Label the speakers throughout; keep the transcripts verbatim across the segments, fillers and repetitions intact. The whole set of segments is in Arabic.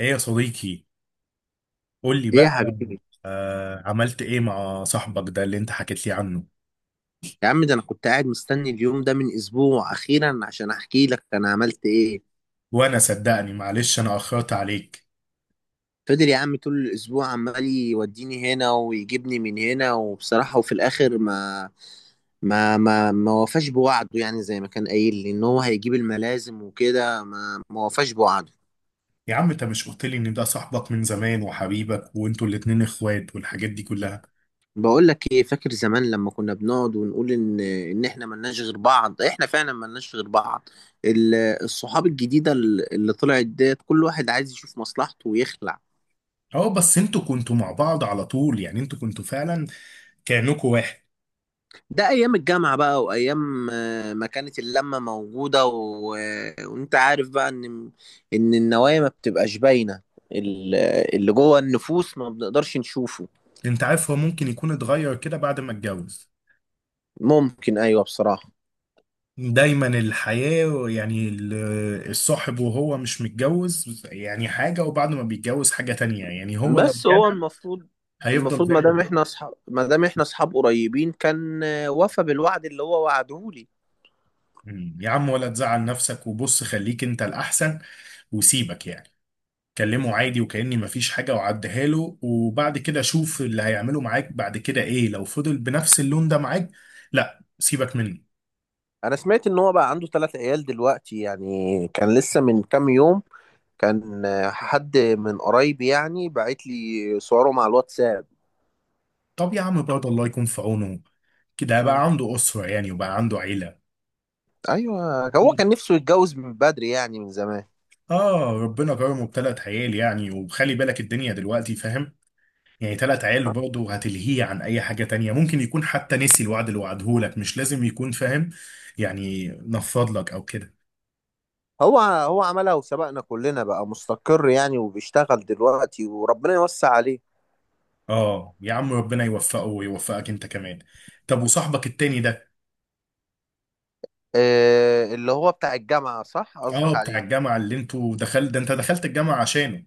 Speaker 1: ايه يا صديقي؟ قول لي
Speaker 2: ايه يا
Speaker 1: بقى.
Speaker 2: حبيبي.
Speaker 1: آه، عملت ايه مع صاحبك ده اللي انت حكيت لي عنه؟
Speaker 2: يا عم، ده انا كنت قاعد مستني اليوم ده من اسبوع، اخيرا عشان احكي لك انا عملت ايه.
Speaker 1: وانا صدقني، معلش، انا اخرت عليك.
Speaker 2: فضل يا عم طول الاسبوع عمال يوديني هنا ويجيبني من هنا، وبصراحة وفي الاخر ما ما ما ما وفاش بوعده، يعني زي ما كان قايل لي ان هو هيجيب الملازم وكده ما ما وفاش بوعده.
Speaker 1: يا عم، انت مش قلت لي ان ده صاحبك من زمان وحبيبك وانتوا الاتنين اخوات والحاجات دي كلها؟
Speaker 2: بقول لك ايه، فاكر زمان لما كنا بنقعد ونقول ان ان احنا ملناش غير بعض؟ احنا فعلا ملناش غير بعض. ال- الصحاب الجديدة اللي اللي طلعت ديت كل واحد عايز يشوف مصلحته ويخلع.
Speaker 1: اه، بس انتوا كنتوا مع بعض على طول، يعني انتوا كنتوا فعلا كأنكوا واحد.
Speaker 2: ده ايام الجامعه بقى وايام، آه، ما كانت اللمه موجوده، و... وانت عارف بقى ان ان النوايا ما بتبقاش باينه، ال- اللي جوه النفوس ما بنقدرش نشوفه.
Speaker 1: انت عارف، هو ممكن يكون اتغير كده بعد ما اتجوز.
Speaker 2: ممكن، ايوه بصراحه.
Speaker 1: دايما الحياة يعني ال- الصاحب وهو مش متجوز يعني حاجة، وبعد ما بيتجوز حاجة تانية، يعني هو لو
Speaker 2: بس هو
Speaker 1: جد
Speaker 2: المفروض
Speaker 1: هيفضل
Speaker 2: المفروض
Speaker 1: زي
Speaker 2: ما
Speaker 1: ما.
Speaker 2: دام احنا اصحاب ما دام احنا اصحاب قريبين، كان آه، وفى بالوعد اللي هو وعدهولي.
Speaker 1: مم. يا عم، ولا تزعل نفسك وبص خليك انت الاحسن وسيبك يعني. كلمه عادي وكأني مفيش حاجة وعديها له، وبعد كده شوف اللي هيعمله معاك بعد كده ايه. لو فضل بنفس اللون ده معاك، لا، سيبك منه.
Speaker 2: انا سمعت ان هو بقى عنده ثلاث عيال دلوقتي، يعني كان لسه من كام يوم كان آه، حد من قرايبي يعني بعت لي صوره مع الواتساب.
Speaker 1: طب يا عم برضه الله يكون في عونه. كده بقى عنده أسرة يعني وبقى عنده عيلة.
Speaker 2: ايوه، هو
Speaker 1: مم.
Speaker 2: كان نفسه يتجوز من بدري يعني من زمان.
Speaker 1: اه، ربنا كرمه بثلاث عيال يعني، وخلي بالك الدنيا دلوقتي فاهم. يعني تلات عيال برضه هتلهيه عن اي حاجة تانية. ممكن يكون حتى نسي الوعد اللي وعده لك، مش لازم يكون فاهم يعني. نفض لك او كده.
Speaker 2: هو هو عملها وسبقنا كلنا، بقى مستقر يعني وبيشتغل دلوقتي وربنا يوسع عليه.
Speaker 1: اه يا عم، ربنا يوفقه ويوفقك انت كمان. طب وصاحبك التاني ده؟
Speaker 2: آه، اللي هو بتاع الجامعة، صح
Speaker 1: اه
Speaker 2: قصدك
Speaker 1: بتاع
Speaker 2: عليه؟
Speaker 1: الجامعة اللي انتوا دخلت ده، انت دخلت الجامعة عشانه.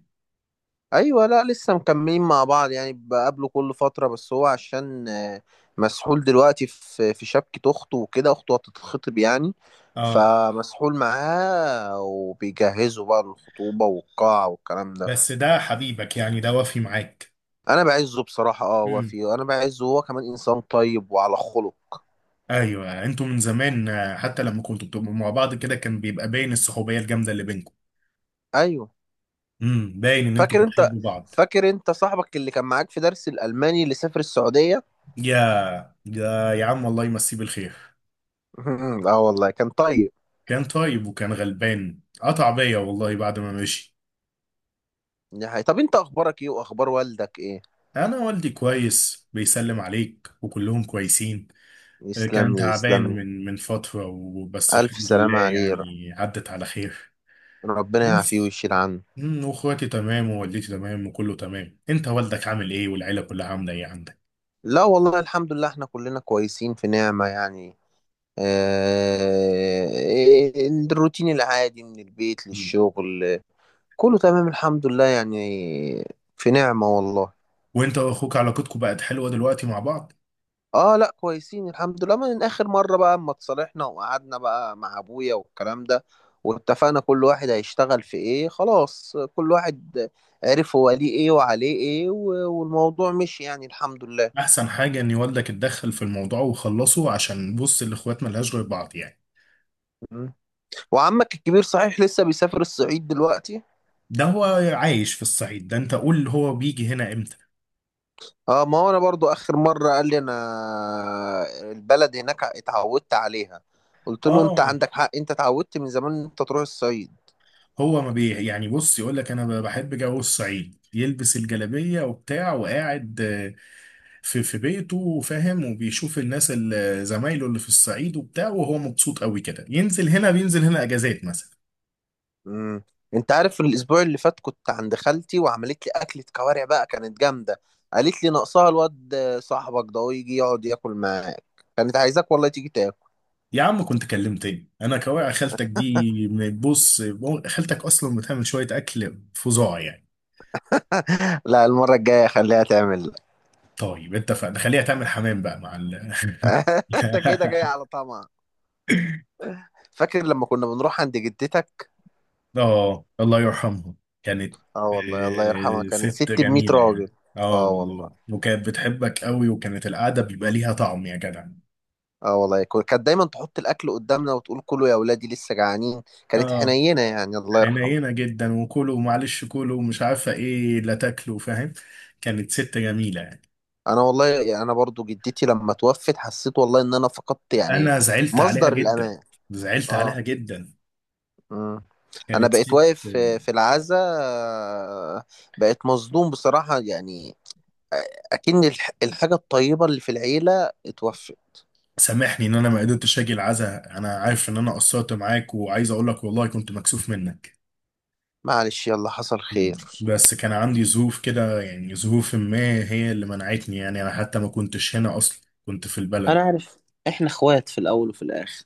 Speaker 2: ايوه، لا لسه مكملين مع بعض يعني، بقابله كل فترة، بس هو عشان آه مسحول دلوقتي في في شبكة اخته وكده، اخته هتتخطب يعني،
Speaker 1: اه،
Speaker 2: فمسحول معاه وبيجهزوا بقى للخطوبة والقاعة والكلام ده.
Speaker 1: بس ده حبيبك يعني، ده وافي معاك.
Speaker 2: انا بعزه بصراحه، اه
Speaker 1: امم،
Speaker 2: وفي، انا بعزه، هو كمان انسان طيب وعلى خلق.
Speaker 1: ايوه، انتوا من زمان، آه، حتى لما كنتوا بتبقوا مع بعض كده كان بيبقى باين الصحوبية الجامدة اللي بينكم.
Speaker 2: ايوه،
Speaker 1: امم، باين ان انتوا
Speaker 2: فاكر انت
Speaker 1: بتحبوا بعض.
Speaker 2: فاكر انت صاحبك اللي كان معاك في درس الالماني اللي سافر السعوديه
Speaker 1: يا يا يا عم، والله يمسيه بالخير.
Speaker 2: اه والله كان طيب.
Speaker 1: كان طيب وكان غلبان، قطع بيا والله بعد ما مشي.
Speaker 2: دي حقيقة. طب انت اخبارك ايه واخبار والدك ايه؟
Speaker 1: انا والدي كويس، بيسلم عليك وكلهم كويسين. آه، كان
Speaker 2: يسلم لي
Speaker 1: تعبان
Speaker 2: يسلم لي.
Speaker 1: من من فترة، وبس
Speaker 2: الف
Speaker 1: الحمد لله
Speaker 2: سلامه عليه، ر-
Speaker 1: يعني عدت على خير.
Speaker 2: ربنا يعافيه
Speaker 1: بس
Speaker 2: ويشيل عنه.
Speaker 1: أمم، واخواتي تمام ووالدتي تمام وكله تمام. انت والدك عامل ايه؟ والعيلة كلها عاملة ايه عندك؟
Speaker 2: لا والله الحمد لله احنا كلنا كويسين في نعمه يعني، آه، إيه، الروتين العادي من البيت
Speaker 1: أمم.
Speaker 2: للشغل. كله تمام الحمد لله يعني. في نعمة والله.
Speaker 1: وانت واخوك علاقتكم بقت حلوة دلوقتي مع بعض.
Speaker 2: اه لا كويسين الحمد لله من اخر مرة بقى اما اتصالحنا وقعدنا بقى مع ابويا والكلام ده. واتفقنا كل واحد هيشتغل في ايه، خلاص كل واحد عرف هو ليه ايه وعليه ايه و- والموضوع مشي يعني الحمد لله.
Speaker 1: احسن حاجة ان والدك اتدخل في الموضوع وخلصه، عشان بص الاخوات ملهاش غير بعض يعني.
Speaker 2: مم. وعمك الكبير صحيح لسه بيسافر الصعيد دلوقتي؟
Speaker 1: ده هو عايش في الصعيد ده. انت قول، هو بيجي هنا امتى؟
Speaker 2: اه، ما هو انا برضو اخر مرة قال لي انا البلد هناك اتعودت عليها. قلت له انت
Speaker 1: اه،
Speaker 2: عندك حق، انت اتعودت من زمان ان انت تروح الصعيد.
Speaker 1: هو ما بي يعني، بص يقول لك انا ب- بحب جو الصعيد، يلبس الجلابية وبتاع وقاعد آه، في في بيته، فاهم، وبيشوف الناس اللي زمايله اللي في الصعيد وبتاع، وهو مبسوط قوي كده. ينزل هنا، بينزل هنا اجازات مثلا.
Speaker 2: امم. انت عارف الاسبوع اللي فات كنت عند خالتي وعملت لي اكله كوارع بقى كانت جامده. قالت لي ناقصها الواد صاحبك ده ويجي يقعد ياكل معاك، كانت عايزاك والله تيجي تاكل.
Speaker 1: يا عم كنت كلمتني. انا كواقع خالتك دي، بص، خالتك اصلا بتعمل شوية اكل فظاع يعني.
Speaker 2: لا، المره الجايه خليها تعمل لك.
Speaker 1: طيب اتفقنا، خليها تعمل حمام بقى مع ال
Speaker 2: انت كده جاي على طمع. فاكر لما كنا بنروح عند جدتك؟
Speaker 1: اه، الله يرحمها. كانت
Speaker 2: اه والله الله يرحمها،
Speaker 1: آه،
Speaker 2: كانت
Speaker 1: ست
Speaker 2: ست ب مية
Speaker 1: جميلة
Speaker 2: راجل.
Speaker 1: يعني. اه
Speaker 2: اه والله.
Speaker 1: والله، وكانت بتحبك قوي، وكانت القعدة بيبقى
Speaker 2: مم.
Speaker 1: ليها طعم يا جدع.
Speaker 2: اه والله كو- كانت دايما تحط الاكل قدامنا وتقول كلوا يا ولادي لسه جعانين. كانت
Speaker 1: اه،
Speaker 2: حنينه يعني الله يرحمها.
Speaker 1: حنينة جدا، وكلوا معلش كلوا ومش عارفة ايه، لا تاكلوا، فاهم. كانت ست جميلة يعني.
Speaker 2: انا والله يعني انا برضو جدتي لما توفت حسيت والله ان انا فقدت يعني
Speaker 1: انا زعلت عليها
Speaker 2: مصدر
Speaker 1: جدا،
Speaker 2: الامان.
Speaker 1: زعلت
Speaker 2: اه.
Speaker 1: عليها جدا.
Speaker 2: امم. انا
Speaker 1: كانت
Speaker 2: بقيت
Speaker 1: ست.
Speaker 2: واقف في في العزاء، آه، بقيت مصدوم بصراحة يعني. آه، اكن الح- الحاجة الطيبة اللي في العيلة اتوفت.
Speaker 1: سامحني ان انا ما قدرتش اجي العزاء، انا عارف ان انا قصرت معاك، وعايز اقول لك والله كنت مكسوف منك.
Speaker 2: معلش يلا حصل خير.
Speaker 1: مم. بس كان عندي ظروف كده يعني، ظروف ما هي اللي منعتني يعني. انا حتى ما كنتش هنا اصلا، كنت في البلد.
Speaker 2: انا عارف. احنا اخوات في الاول وفي الاخر.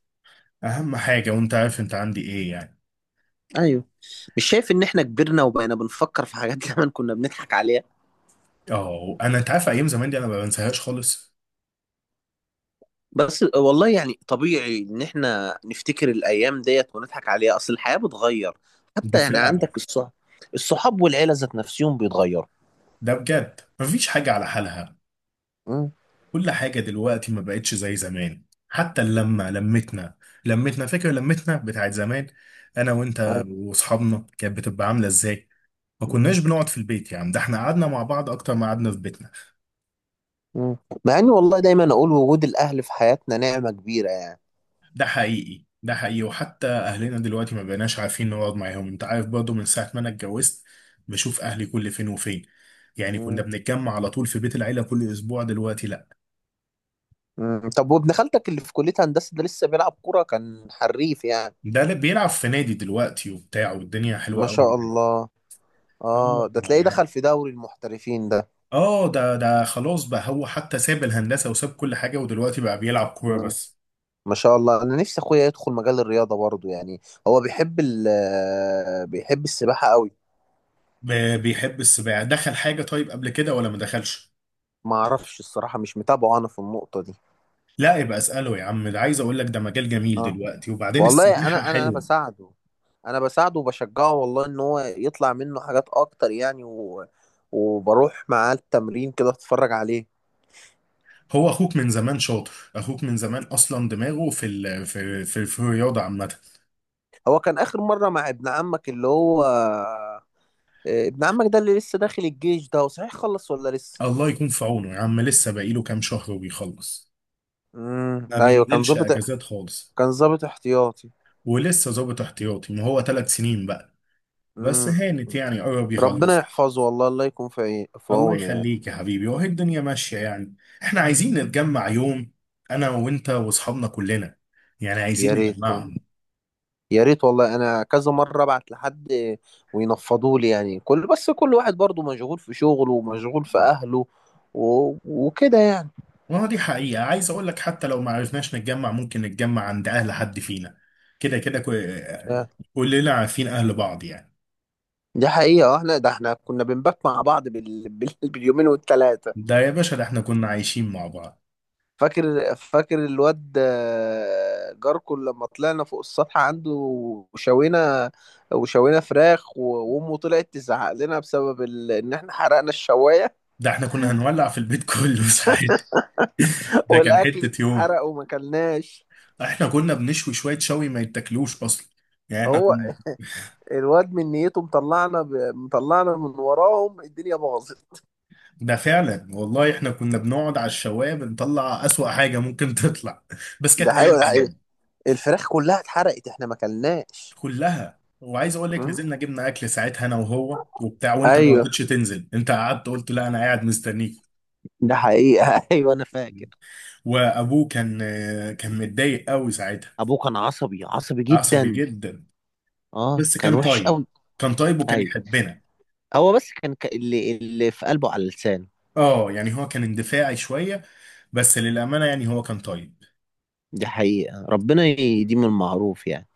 Speaker 1: اهم حاجة، وانت عارف انت عندي ايه يعني.
Speaker 2: ايوه، مش شايف ان احنا كبرنا وبقينا بنفكر في حاجات زمان كنا بنضحك عليها؟
Speaker 1: اه، انا انت عارف ايام زمان دي انا ما بنساهاش خالص.
Speaker 2: بس والله يعني طبيعي ان احنا نفتكر الايام ديت ونضحك عليها، اصل الحياه بتغير.
Speaker 1: ده
Speaker 2: حتى يعني
Speaker 1: فعلا.
Speaker 2: عندك الصحاب الصحاب والعيله ذات نفسهم بيتغيروا.
Speaker 1: ده بجد مفيش حاجة على حالها.
Speaker 2: مم.
Speaker 1: كل حاجة دلوقتي ما بقتش زي زمان. حتى اللمة، لمتنا، لمتنا فاكر، لمتنا بتاعت زمان انا وانت
Speaker 2: أيوة.
Speaker 1: واصحابنا كانت بتبقى عاملة ازاي؟ ما
Speaker 2: مم.
Speaker 1: كناش بنقعد في البيت يعني، ده احنا قعدنا مع بعض اكتر ما قعدنا في بيتنا.
Speaker 2: مم. مع اني والله دايما اقول وجود الاهل في حياتنا نعمه كبيره يعني.
Speaker 1: ده حقيقي، ده حقيقي. وحتى اهلنا دلوقتي ما بقيناش عارفين نقعد معاهم. انت عارف برضه من ساعه ما انا اتجوزت بشوف اهلي كل فين وفين. يعني كنا
Speaker 2: مم.
Speaker 1: بنتجمع على طول في بيت العيله كل اسبوع، دلوقتي لا.
Speaker 2: مم. طب وابن خالتك اللي في كليه هندسه ده لسه بيلعب كوره كان حريف يعني؟
Speaker 1: ده اللي بيلعب في نادي دلوقتي وبتاع، والدنيا حلوه
Speaker 2: ما
Speaker 1: قوي
Speaker 2: شاء
Speaker 1: يعني.
Speaker 2: الله.
Speaker 1: اه
Speaker 2: اه، ده تلاقيه دخل
Speaker 1: يعني.
Speaker 2: في دوري المحترفين.
Speaker 1: اه، ده ده خلاص بقى، هو حتى ساب الهندسه وساب كل حاجه، ودلوقتي بقى بيلعب كوره
Speaker 2: ده
Speaker 1: بس.
Speaker 2: ما شاء الله، انا نفسي اخويا يدخل مجال الرياضه برضه يعني. هو بيحب ال بيحب السباحه قوي.
Speaker 1: ب- بيحب السباحه. دخل حاجه طيب قبل كده ولا ما دخلش؟
Speaker 2: ما اعرفش الصراحه مش متابعه انا في النقطه دي.
Speaker 1: لا يبقى اساله يا عم. ده عايز اقول لك ده مجال جميل
Speaker 2: اه
Speaker 1: دلوقتي، وبعدين
Speaker 2: والله،
Speaker 1: السباحه
Speaker 2: انا انا انا
Speaker 1: حلوه.
Speaker 2: بساعده. انا بساعده وبشجعه والله ان هو يطلع منه حاجات اكتر يعني، و... وبروح معاه التمرين كده اتفرج عليه.
Speaker 1: هو اخوك من زمان شاطر. اخوك من زمان اصلا دماغه في ال... في في, في الرياضه عامه.
Speaker 2: هو كان اخر مره مع ابن عمك اللي هو، آه، ابن عمك ده اللي لسه داخل الجيش، ده هو صحيح خلص ولا لسه؟
Speaker 1: الله يكون في عونه يا عم، لسه باقيله كام شهر وبيخلص.
Speaker 2: امم
Speaker 1: ما
Speaker 2: ايوه كان
Speaker 1: بينزلش
Speaker 2: ظابط.
Speaker 1: اجازات خالص.
Speaker 2: كان ظابط احتياطي.
Speaker 1: ولسه ظابط احتياطي، ما هو ثلاث سنين بقى. بس
Speaker 2: امم.
Speaker 1: هانت يعني، قرب
Speaker 2: ربنا
Speaker 1: يخلص.
Speaker 2: يحفظه والله، الله يكون في عي- في
Speaker 1: الله
Speaker 2: عونه يعني.
Speaker 1: يخليك يا حبيبي. وهي الدنيا ماشيه يعني. احنا عايزين نتجمع يوم انا وانت واصحابنا كلنا، يعني عايزين
Speaker 2: يا ريت
Speaker 1: نجمعهم.
Speaker 2: يا ريت والله، انا كذا مره ابعت لحد وينفضوا لي يعني، كل بس كل واحد برضه مشغول في شغله ومشغول في اهله و... وكده يعني.
Speaker 1: ما دي حقيقة. عايز اقول لك، حتى لو ما عرفناش نتجمع، ممكن نتجمع عند اهل حد فينا. كده كده كو-
Speaker 2: ف-
Speaker 1: كلنا عارفين اهل بعض يعني.
Speaker 2: دي حقيقه، آه، احنا ده احنا كنا بنبات مع بعض بال... بال... باليومين والثلاثه.
Speaker 1: ده يا باشا، ده احنا كنا عايشين مع بعض.
Speaker 2: فاكر فاكر الواد، آه، جاركو، لما طلعنا فوق السطح عنده وشوينا وشوينا فراخ و... وامه طلعت تزعق لنا بسبب ال... ان احنا حرقنا الشوايه
Speaker 1: ده احنا كنا هنولع في البيت كله ساعات. ده كان
Speaker 2: والاكل
Speaker 1: حتة يوم.
Speaker 2: اتحرق وما كلناش.
Speaker 1: احنا كنا بنشوي شوية شوي ما يتاكلوش اصلا يعني. احنا
Speaker 2: هو
Speaker 1: كنا.
Speaker 2: الواد من نيته، مطلعنا ب... مطلعنا من وراهم الدنيا باظت.
Speaker 1: ده فعلا والله، احنا كنا بنقعد على الشواية بنطلع اسوأ حاجة ممكن تطلع بس كانت
Speaker 2: ده
Speaker 1: ايام
Speaker 2: حقيقة ده حقيقة.
Speaker 1: جميلة.
Speaker 2: الفراخ كلها اتحرقت احنا ما كلناش.
Speaker 1: كلها. وعايز اقول لك،
Speaker 2: م?
Speaker 1: نزلنا جبنا اكل ساعتها انا وهو وبتاع، وانت ما مم.
Speaker 2: ايوه.
Speaker 1: رضيتش تنزل. انت قعدت قلت لا، انا قاعد مستنيك.
Speaker 2: ده حقيقة ايوه انا فاكر.
Speaker 1: وابوه كان كان متضايق قوي ساعتها.
Speaker 2: ابوه كان عصبي عصبي
Speaker 1: عصبي
Speaker 2: جدا.
Speaker 1: جدا.
Speaker 2: اه
Speaker 1: بس
Speaker 2: كان
Speaker 1: كان
Speaker 2: وحش
Speaker 1: طيب.
Speaker 2: قوي.
Speaker 1: كان طيب وكان
Speaker 2: ايوه،
Speaker 1: يحبنا.
Speaker 2: هو بس كان، ك... اللي اللي في قلبه على لسانه.
Speaker 1: اه يعني، هو كان اندفاعي شوية، بس للأمانة يعني هو كان طيب.
Speaker 2: دي حقيقة ربنا يديم المعروف يعني.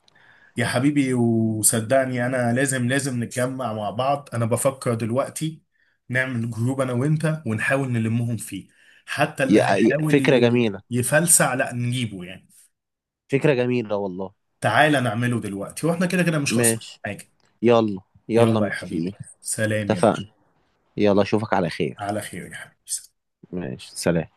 Speaker 1: يا حبيبي، وصدقني انا لازم لازم نتجمع مع بعض. انا بفكر دلوقتي نعمل جروب انا وانت، ونحاول نلمهم فيه. حتى اللي
Speaker 2: يا- يا-
Speaker 1: هيحاول
Speaker 2: فكرة
Speaker 1: ي-
Speaker 2: جميلة،
Speaker 1: يفلسع لا نجيبه يعني.
Speaker 2: فكرة جميلة والله.
Speaker 1: تعالى نعمله دلوقتي، واحنا كده كده مش خسرانين
Speaker 2: ماشي.
Speaker 1: حاجة.
Speaker 2: يلا يلا
Speaker 1: يلا يا
Speaker 2: متفقين.
Speaker 1: حبيبي، سلام يا
Speaker 2: اتفقنا.
Speaker 1: باشا.
Speaker 2: يلا اشوفك على خير.
Speaker 1: على خير يا حبيبي.
Speaker 2: ماشي سلام.